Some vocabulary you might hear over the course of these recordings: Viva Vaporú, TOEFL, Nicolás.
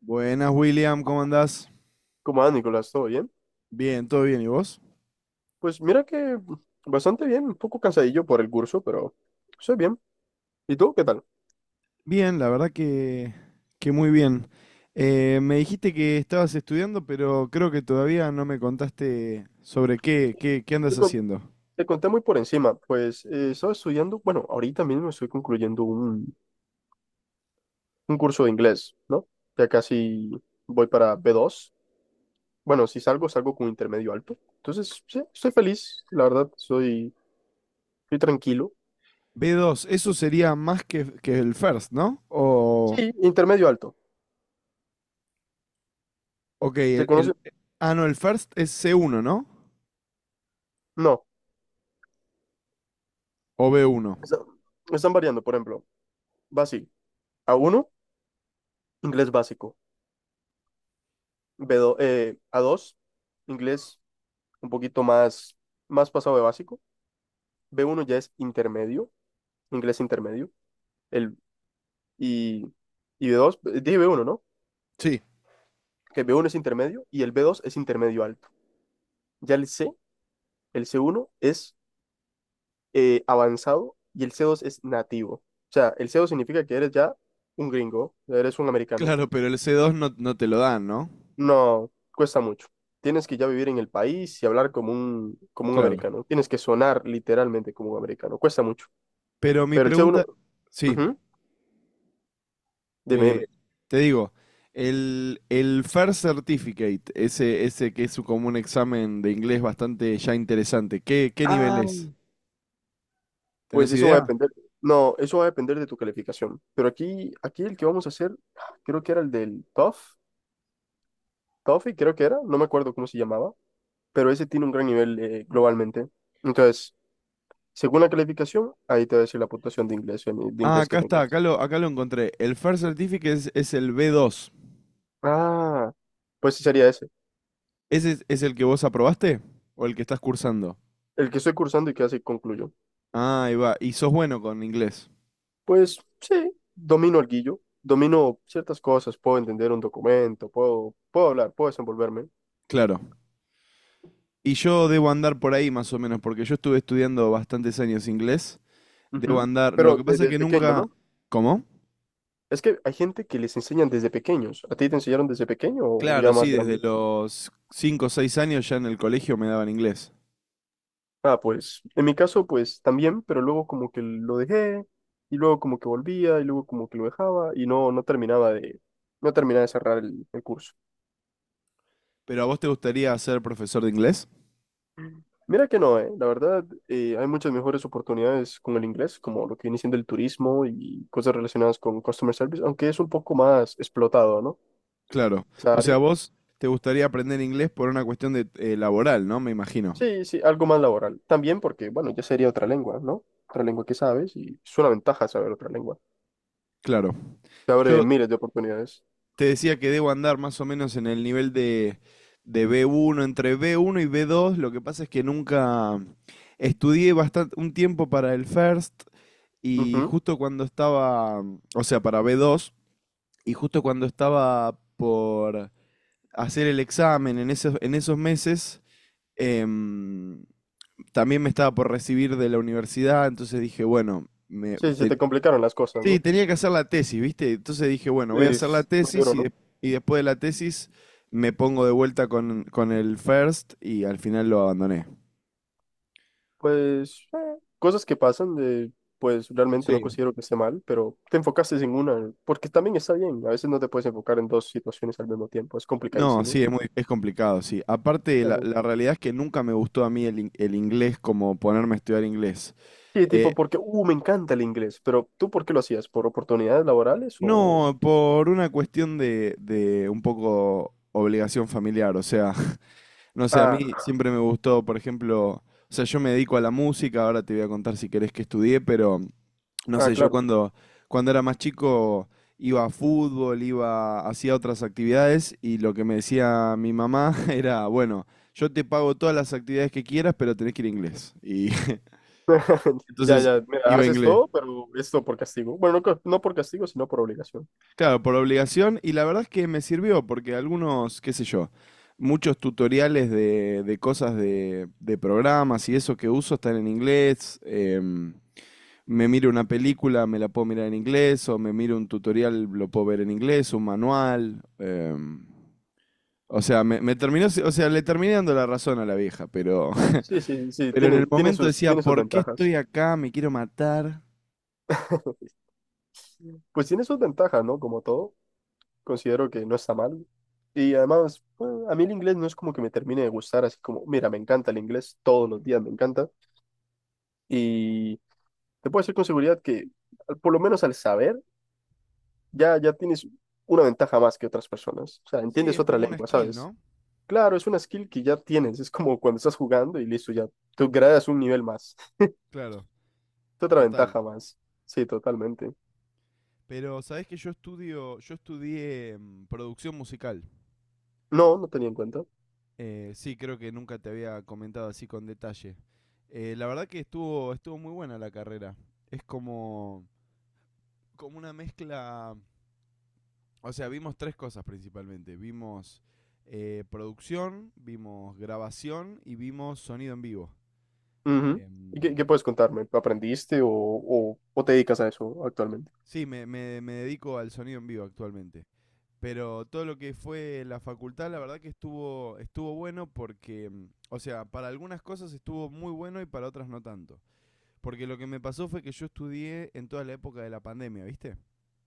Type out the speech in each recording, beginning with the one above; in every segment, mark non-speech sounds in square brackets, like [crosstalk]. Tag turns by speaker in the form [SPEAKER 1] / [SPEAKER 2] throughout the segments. [SPEAKER 1] Buenas, William, ¿cómo andás?
[SPEAKER 2] ¿Cómo va, Nicolás? ¿Todo bien?
[SPEAKER 1] Bien, todo bien, ¿y vos?
[SPEAKER 2] Pues mira que bastante bien, un poco cansadillo por el curso, pero estoy bien. ¿Y tú qué tal?
[SPEAKER 1] Bien, la verdad que muy bien. Me dijiste que estabas estudiando, pero creo que todavía no me contaste sobre qué
[SPEAKER 2] Te,
[SPEAKER 1] andas
[SPEAKER 2] con-
[SPEAKER 1] haciendo.
[SPEAKER 2] Te conté muy por encima, pues estaba estudiando, bueno, ahorita mismo estoy concluyendo un curso de inglés, ¿no? Ya casi voy para b dos. Bueno, si salgo, salgo con intermedio alto. Entonces, sí, estoy feliz, la verdad, estoy tranquilo.
[SPEAKER 1] B dos, eso sería más que el first, ¿no? O,
[SPEAKER 2] Sí, intermedio alto.
[SPEAKER 1] ok,
[SPEAKER 2] ¿Se conoce?
[SPEAKER 1] ah, no, el first es c uno, ¿no?
[SPEAKER 2] No,
[SPEAKER 1] O b uno.
[SPEAKER 2] está- Están variando, por ejemplo, va así, a uno, inglés básico. B dos, a dos, inglés un poquito más, más pasado de básico. B uno ya es intermedio, inglés intermedio. El, y, y b dos, dije b uno, ¿no?
[SPEAKER 1] Sí,
[SPEAKER 2] Que el b uno es intermedio y el b dos es intermedio alto. Ya el c uno es avanzado y el c dos es nativo. O sea, el c dos significa que eres ya un gringo, eres un americano.
[SPEAKER 1] claro, pero el c dos no, no te lo dan, ¿no?
[SPEAKER 2] No, cuesta mucho. Tienes que ya vivir en el país y hablar como un
[SPEAKER 1] Claro.
[SPEAKER 2] americano. Tienes que sonar literalmente como un americano. Cuesta mucho.
[SPEAKER 1] Pero mi
[SPEAKER 2] Pero el C1,
[SPEAKER 1] pregunta, sí.
[SPEAKER 2] ujú, dime, dime.
[SPEAKER 1] Te, te digo, el FAIR Certificate, ese que es como un examen de inglés bastante ya interesante, ¿qué, qué nivel
[SPEAKER 2] Ah,
[SPEAKER 1] es?
[SPEAKER 2] Pues
[SPEAKER 1] ¿Tenés
[SPEAKER 2] eso va a
[SPEAKER 1] idea?
[SPEAKER 2] depender. No, eso va a depender de tu calificación. Pero aquí el que vamos a hacer, creo que era el del Toefl. TOEFL creo que era, no me acuerdo cómo se llamaba, pero ese tiene un gran nivel globalmente. Entonces, según la calificación, ahí te va a decir la puntuación de inglés, eh, de
[SPEAKER 1] Ah,
[SPEAKER 2] inglés que
[SPEAKER 1] acá está,
[SPEAKER 2] tengas.
[SPEAKER 1] acá lo encontré. El FAIR Certificate es el b dos.
[SPEAKER 2] Ah, pues sí sería ese,
[SPEAKER 1] ¿Ese es el que vos aprobaste? ¿O el que estás cursando?
[SPEAKER 2] el que estoy cursando y que así concluyo.
[SPEAKER 1] Ah, ahí va. Y sos bueno con inglés.
[SPEAKER 2] Pues sí, domino el guillo, domino ciertas cosas, puedo entender un documento, puedo hablar, puedo desenvolverme.
[SPEAKER 1] Claro. Y yo debo andar por ahí más o menos, porque yo estuve estudiando bastantes años inglés. Debo
[SPEAKER 2] Ujú.
[SPEAKER 1] andar. Lo
[SPEAKER 2] Pero
[SPEAKER 1] que pasa es
[SPEAKER 2] desde
[SPEAKER 1] que
[SPEAKER 2] pequeño,
[SPEAKER 1] nunca.
[SPEAKER 2] ¿no?
[SPEAKER 1] ¿Cómo?
[SPEAKER 2] Es que hay gente que les enseñan desde pequeños. ¿A ti te enseñaron desde pequeño o
[SPEAKER 1] Claro,
[SPEAKER 2] ya
[SPEAKER 1] sí,
[SPEAKER 2] más
[SPEAKER 1] desde
[SPEAKER 2] grande?
[SPEAKER 1] los 5, o 6 años ya en el colegio me daban inglés.
[SPEAKER 2] Ah, pues en mi caso, pues también, pero luego como que lo dejé y luego como que volvía y luego como que lo dejaba y no terminaba no terminaba de cerrar el curso.
[SPEAKER 1] ¿Pero a vos te gustaría ser profesor de inglés?
[SPEAKER 2] Mira que no, ¿eh? La verdad, hay muchas mejores oportunidades con el inglés, como lo que viene siendo el turismo y cosas relacionadas con customer service, aunque es un poco más explotado, ¿no?
[SPEAKER 1] Claro.
[SPEAKER 2] Esa
[SPEAKER 1] O
[SPEAKER 2] área.
[SPEAKER 1] sea, vos te gustaría aprender inglés por una cuestión de laboral, ¿no? Me imagino.
[SPEAKER 2] Sí, sí, algo más laboral. También porque, bueno, ya sería otra lengua, ¿no? Otra lengua que sabes y es una ventaja saber otra lengua.
[SPEAKER 1] Claro.
[SPEAKER 2] Te abre
[SPEAKER 1] Yo
[SPEAKER 2] miles de oportunidades.
[SPEAKER 1] te decía que debo andar más o menos en el nivel de b uno entre b uno y b dos. Lo que pasa es que nunca estudié bastante un tiempo para el First y
[SPEAKER 2] Ujú.
[SPEAKER 1] justo cuando estaba, o sea, para b dos y justo cuando estaba por hacer el examen en esos meses. em, también me estaba por recibir de la universidad, entonces dije, bueno,
[SPEAKER 2] Sí, se te complicaron las cosas,
[SPEAKER 1] sí,
[SPEAKER 2] ¿no?
[SPEAKER 1] tenía que hacer la tesis, ¿viste? Entonces dije, bueno, voy a hacer la
[SPEAKER 2] Es muy
[SPEAKER 1] tesis
[SPEAKER 2] duro, ¿no?
[SPEAKER 1] y después de la tesis me pongo de vuelta con el first y al final lo abandoné.
[SPEAKER 2] Pues cosas que pasan, de, pues realmente no
[SPEAKER 1] Sí.
[SPEAKER 2] considero que esté mal, pero te enfocaste en una, porque también está bien. A veces no te puedes enfocar en dos situaciones al mismo tiempo, es
[SPEAKER 1] No,
[SPEAKER 2] complicadísimo.
[SPEAKER 1] sí, es complicado, sí. Aparte, la,
[SPEAKER 2] Claro.
[SPEAKER 1] la realidad es que nunca me gustó a mí el inglés como ponerme a estudiar inglés.
[SPEAKER 2] Sí, tipo
[SPEAKER 1] Eh,
[SPEAKER 2] porque, me encanta el inglés, pero ¿tú por qué lo hacías? ¿Por oportunidades laborales o...?
[SPEAKER 1] No, por una cuestión de un poco obligación familiar, o sea, [laughs] no sé, a
[SPEAKER 2] Ah,
[SPEAKER 1] mí siempre me gustó, por ejemplo, o sea, yo me dedico a la música, ahora te voy a contar si querés que estudié, pero no sé, yo
[SPEAKER 2] claro.
[SPEAKER 1] cuando era más chico iba a fútbol, iba, hacía otras actividades y lo que me decía mi mamá [laughs] era, bueno, yo te pago todas las actividades que quieras, pero tenés que ir a inglés. Y
[SPEAKER 2] [laughs]
[SPEAKER 1] [laughs] entonces
[SPEAKER 2] Ya, mira,
[SPEAKER 1] iba a
[SPEAKER 2] haces
[SPEAKER 1] inglés.
[SPEAKER 2] todo, pero esto por castigo. Bueno, no por castigo, sino por obligación.
[SPEAKER 1] Claro, por obligación, y la verdad es que me sirvió, porque algunos, qué sé yo, muchos tutoriales de cosas de programas y eso que uso están en inglés. Me miro una película, me la puedo mirar en inglés, o me miro un tutorial, lo puedo ver en inglés, un manual. O sea, me terminó, o sea, le terminé dando la razón a la vieja, pero, [laughs]
[SPEAKER 2] Sí, sí, sí,
[SPEAKER 1] pero en el momento decía,
[SPEAKER 2] tiene sus
[SPEAKER 1] ¿por qué estoy
[SPEAKER 2] ventajas.
[SPEAKER 1] acá? Me quiero matar.
[SPEAKER 2] [laughs] Pues tiene sus ventajas, ¿no? Como todo, considero que no está mal. Y además, bueno, a mí el inglés no es como que me termine de gustar, así como, mira, me encanta el inglés, todos los días me encanta. Y te puedo decir con seguridad que, por lo menos al saber, ya tienes una ventaja más que otras personas. O sea,
[SPEAKER 1] Sí,
[SPEAKER 2] entiendes
[SPEAKER 1] es
[SPEAKER 2] otra
[SPEAKER 1] como una
[SPEAKER 2] lengua,
[SPEAKER 1] skill,
[SPEAKER 2] ¿sabes?
[SPEAKER 1] ¿no?
[SPEAKER 2] Claro, es una skill que ya tienes, es como cuando estás jugando y listo, ya tú gradas un nivel más, [laughs]
[SPEAKER 1] Claro,
[SPEAKER 2] otra
[SPEAKER 1] total.
[SPEAKER 2] ventaja más. Sí, totalmente.
[SPEAKER 1] Pero sabés que yo estudié producción musical.
[SPEAKER 2] No, no tenía en cuenta.
[SPEAKER 1] Sí, creo que nunca te había comentado así con detalle. La verdad que estuvo muy buena la carrera. Es como una mezcla. O sea, vimos tres cosas principalmente. Vimos producción, vimos grabación y vimos sonido en vivo.
[SPEAKER 2] Ujú. ¿Y qué
[SPEAKER 1] Em,
[SPEAKER 2] puedes contarme? ¿Aprendiste o te dedicas a eso actualmente?
[SPEAKER 1] sí, me dedico al sonido en vivo actualmente. Pero todo lo que fue la facultad, la verdad que estuvo bueno porque, o sea, para algunas cosas estuvo muy bueno y para otras no tanto. Porque lo que me pasó fue que yo estudié en toda la época de la pandemia, ¿viste?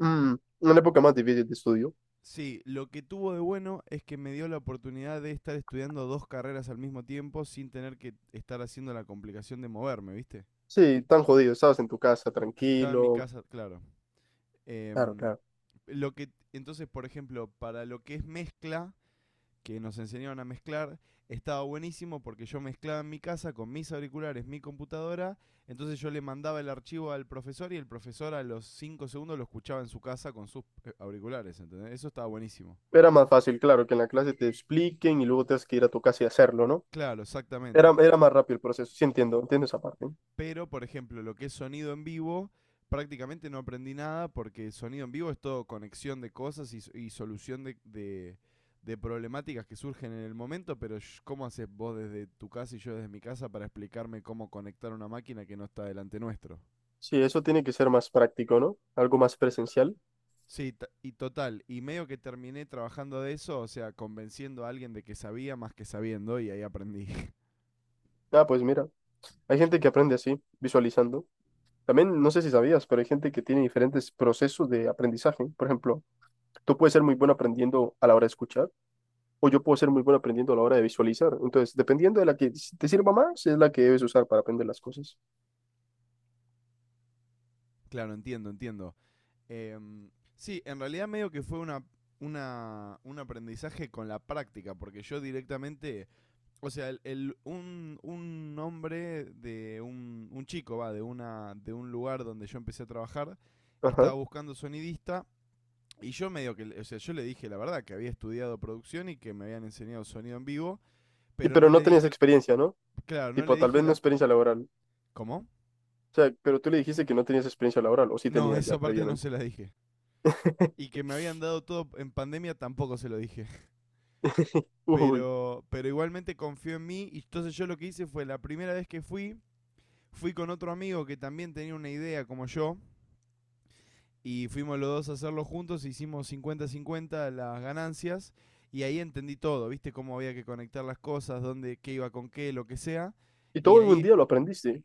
[SPEAKER 2] Mm, una época más difícil de estudio.
[SPEAKER 1] Sí, lo que tuvo de bueno es que me dio la oportunidad de estar estudiando dos carreras al mismo tiempo sin tener que estar haciendo la complicación de moverme, ¿viste?
[SPEAKER 2] Sí, tan jodido, estabas en tu casa
[SPEAKER 1] Estaba en mi
[SPEAKER 2] tranquilo.
[SPEAKER 1] casa, claro.
[SPEAKER 2] Claro,
[SPEAKER 1] Em,
[SPEAKER 2] claro.
[SPEAKER 1] entonces, por ejemplo, para lo que es mezcla, que nos enseñaron a mezclar, estaba buenísimo porque yo mezclaba en mi casa con mis auriculares, mi computadora, entonces yo le mandaba el archivo al profesor y el profesor a los 5 segundos lo escuchaba en su casa con sus auriculares, ¿entendés? Eso estaba buenísimo.
[SPEAKER 2] Era más fácil, claro, que en la clase te expliquen y luego tengas que ir a tu casa y hacerlo, ¿no?
[SPEAKER 1] Claro, exactamente.
[SPEAKER 2] Era más rápido el proceso, sí entiendo, entiendo esa parte.
[SPEAKER 1] Pero, por ejemplo, lo que es sonido en vivo, prácticamente no aprendí nada porque sonido en vivo es todo conexión de cosas y solución de problemáticas que surgen en el momento, pero ¿cómo haces vos desde tu casa y yo desde mi casa para explicarme cómo conectar una máquina que no está delante nuestro?
[SPEAKER 2] Sí, eso tiene que ser más práctico, ¿no? Algo más presencial.
[SPEAKER 1] Sí, y total, y medio que terminé trabajando de eso, o sea, convenciendo a alguien de que sabía más que sabiendo y ahí aprendí. [laughs]
[SPEAKER 2] Ah, pues mira. Hay gente que aprende así, visualizando. También, no sé si sabías, pero hay gente que tiene diferentes procesos de aprendizaje. Por ejemplo, tú puedes ser muy bueno aprendiendo a la hora de escuchar, o yo puedo ser muy bueno aprendiendo a la hora de visualizar. Entonces, dependiendo de la que te sirva más, es la que debes usar para aprender las cosas.
[SPEAKER 1] Claro, entiendo, entiendo. Em, sí, en realidad medio que fue un aprendizaje con la práctica, porque yo directamente, o sea, un hombre de un chico, va, de un lugar donde yo empecé a trabajar,
[SPEAKER 2] Ajá.
[SPEAKER 1] estaba buscando sonidista. Y yo medio que, o sea, yo le dije la verdad que había estudiado producción y que me habían enseñado sonido en vivo,
[SPEAKER 2] Y
[SPEAKER 1] pero
[SPEAKER 2] pero
[SPEAKER 1] no le
[SPEAKER 2] no tenías
[SPEAKER 1] dije,
[SPEAKER 2] experiencia, ¿no?
[SPEAKER 1] claro, no le
[SPEAKER 2] Tipo, tal
[SPEAKER 1] dije
[SPEAKER 2] vez no
[SPEAKER 1] la.
[SPEAKER 2] experiencia laboral.
[SPEAKER 1] ¿Cómo?
[SPEAKER 2] O sea, pero tú le dijiste que no tenías experiencia laboral, o sí
[SPEAKER 1] No,
[SPEAKER 2] tenías ya
[SPEAKER 1] esa parte no
[SPEAKER 2] previamente.
[SPEAKER 1] se la dije. Y
[SPEAKER 2] [laughs]
[SPEAKER 1] que me habían dado todo en pandemia tampoco se lo dije.
[SPEAKER 2] Uy.
[SPEAKER 1] Pero igualmente confió en mí. Y entonces yo lo que hice fue la primera vez que fui con otro amigo que también tenía una idea como yo. Y fuimos los dos a hacerlo juntos, hicimos 50/50 las ganancias. Y ahí entendí todo, viste cómo había que conectar las cosas, dónde, qué iba con qué, lo que sea.
[SPEAKER 2] Y
[SPEAKER 1] Y
[SPEAKER 2] todo en un
[SPEAKER 1] ahí,
[SPEAKER 2] día lo aprendiste.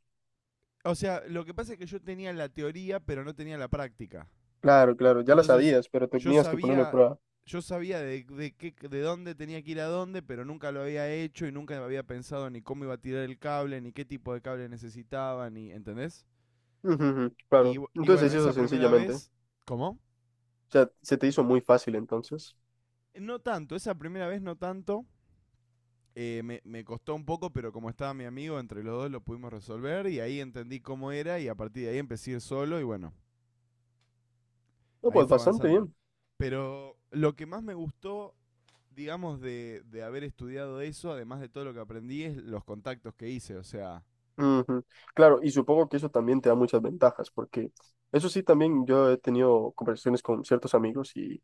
[SPEAKER 1] o sea, lo que pasa es que yo tenía la teoría, pero no tenía la práctica.
[SPEAKER 2] Claro, claro, ya la
[SPEAKER 1] Entonces,
[SPEAKER 2] sabías, pero
[SPEAKER 1] yo
[SPEAKER 2] tenías que ponerlo a
[SPEAKER 1] sabía,
[SPEAKER 2] prueba.
[SPEAKER 1] yo sabía de dónde tenía que ir a dónde, pero nunca lo había hecho y nunca había pensado ni cómo iba a tirar el cable, ni qué tipo de cable necesitaba, ni, ¿entendés?
[SPEAKER 2] Ujú, ujú,
[SPEAKER 1] Y,
[SPEAKER 2] claro.
[SPEAKER 1] y bueno,
[SPEAKER 2] Entonces eso
[SPEAKER 1] esa primera
[SPEAKER 2] sencillamente. O
[SPEAKER 1] vez. ¿Cómo?
[SPEAKER 2] sea, se te hizo muy fácil entonces.
[SPEAKER 1] No tanto, esa primera vez no tanto. Me costó un poco, pero como estaba mi amigo, entre los dos lo pudimos resolver y ahí entendí cómo era y a partir de ahí empecé a ir solo y bueno,
[SPEAKER 2] No,
[SPEAKER 1] ahí
[SPEAKER 2] pues
[SPEAKER 1] fue
[SPEAKER 2] bastante
[SPEAKER 1] avanzando.
[SPEAKER 2] bien.
[SPEAKER 1] Pero lo que más me gustó, digamos, de haber estudiado eso, además de todo lo que aprendí, es los contactos que hice. O sea,
[SPEAKER 2] Ujú, claro, y supongo que eso también te da muchas ventajas, porque eso sí, también yo he tenido conversaciones con ciertos amigos y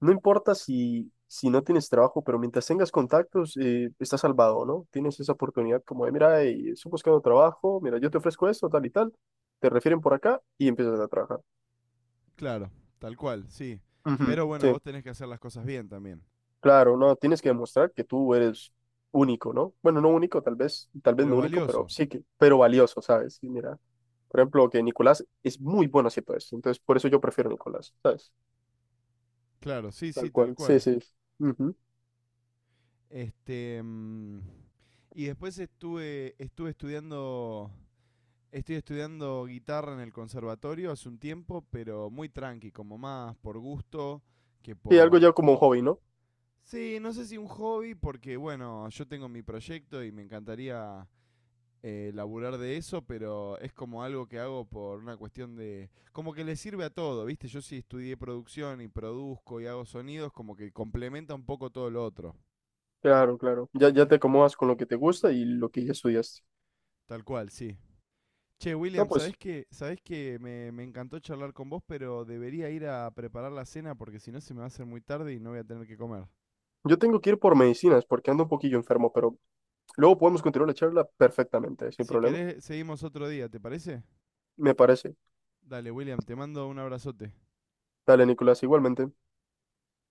[SPEAKER 2] no importa si no tienes trabajo, pero mientras tengas contactos, estás salvado, ¿no? Tienes esa oportunidad como de, mira, estoy buscando trabajo, mira, yo te ofrezco esto, tal y tal, te refieren por acá y empiezas a trabajar.
[SPEAKER 1] claro, tal cual, sí.
[SPEAKER 2] Ujú,
[SPEAKER 1] Pero bueno,
[SPEAKER 2] sí,
[SPEAKER 1] vos tenés que hacer las cosas bien también.
[SPEAKER 2] claro, no, tienes que demostrar que tú eres único, ¿no? Bueno, no único, tal vez
[SPEAKER 1] Pero
[SPEAKER 2] no único, pero
[SPEAKER 1] valioso,
[SPEAKER 2] sí que, pero valioso, ¿sabes? Y mira, por ejemplo, que Nicolás es muy bueno haciendo esto, entonces por eso yo prefiero a Nicolás, ¿sabes?
[SPEAKER 1] claro, sí, sí,
[SPEAKER 2] Tal
[SPEAKER 1] tal
[SPEAKER 2] cual, sí,
[SPEAKER 1] cual.
[SPEAKER 2] sí. Ujú.
[SPEAKER 1] Este. Y después estuve estudiando. Estoy estudiando guitarra en el conservatorio hace un tiempo, pero muy tranqui, como más por gusto que
[SPEAKER 2] Y algo
[SPEAKER 1] por.
[SPEAKER 2] ya como un hobby, ¿no?
[SPEAKER 1] Sí, no sé si un hobby, porque bueno, yo tengo mi proyecto y me encantaría laburar de eso, pero es como algo que hago por una cuestión de. Como que le sirve a todo, ¿viste? Yo sí estudié producción y produzco y hago sonidos, como que complementa un poco todo lo otro.
[SPEAKER 2] Claro, claro. Ya te acomodas con lo que te gusta y lo que ya estudiaste.
[SPEAKER 1] Tal cual, sí. Che,
[SPEAKER 2] No,
[SPEAKER 1] William,
[SPEAKER 2] pues
[SPEAKER 1] ¿ sabés que me encantó charlar con vos, pero debería ir a preparar la cena porque si no se me va a hacer muy tarde y no voy a tener que comer.
[SPEAKER 2] yo tengo que ir por medicinas porque ando un poquillo enfermo, pero luego podemos continuar la charla perfectamente, sin
[SPEAKER 1] Si
[SPEAKER 2] problema.
[SPEAKER 1] querés, seguimos otro día, ¿te parece?
[SPEAKER 2] Me parece.
[SPEAKER 1] Dale, William, te mando un abrazote.
[SPEAKER 2] Dale, Nicolás, igualmente.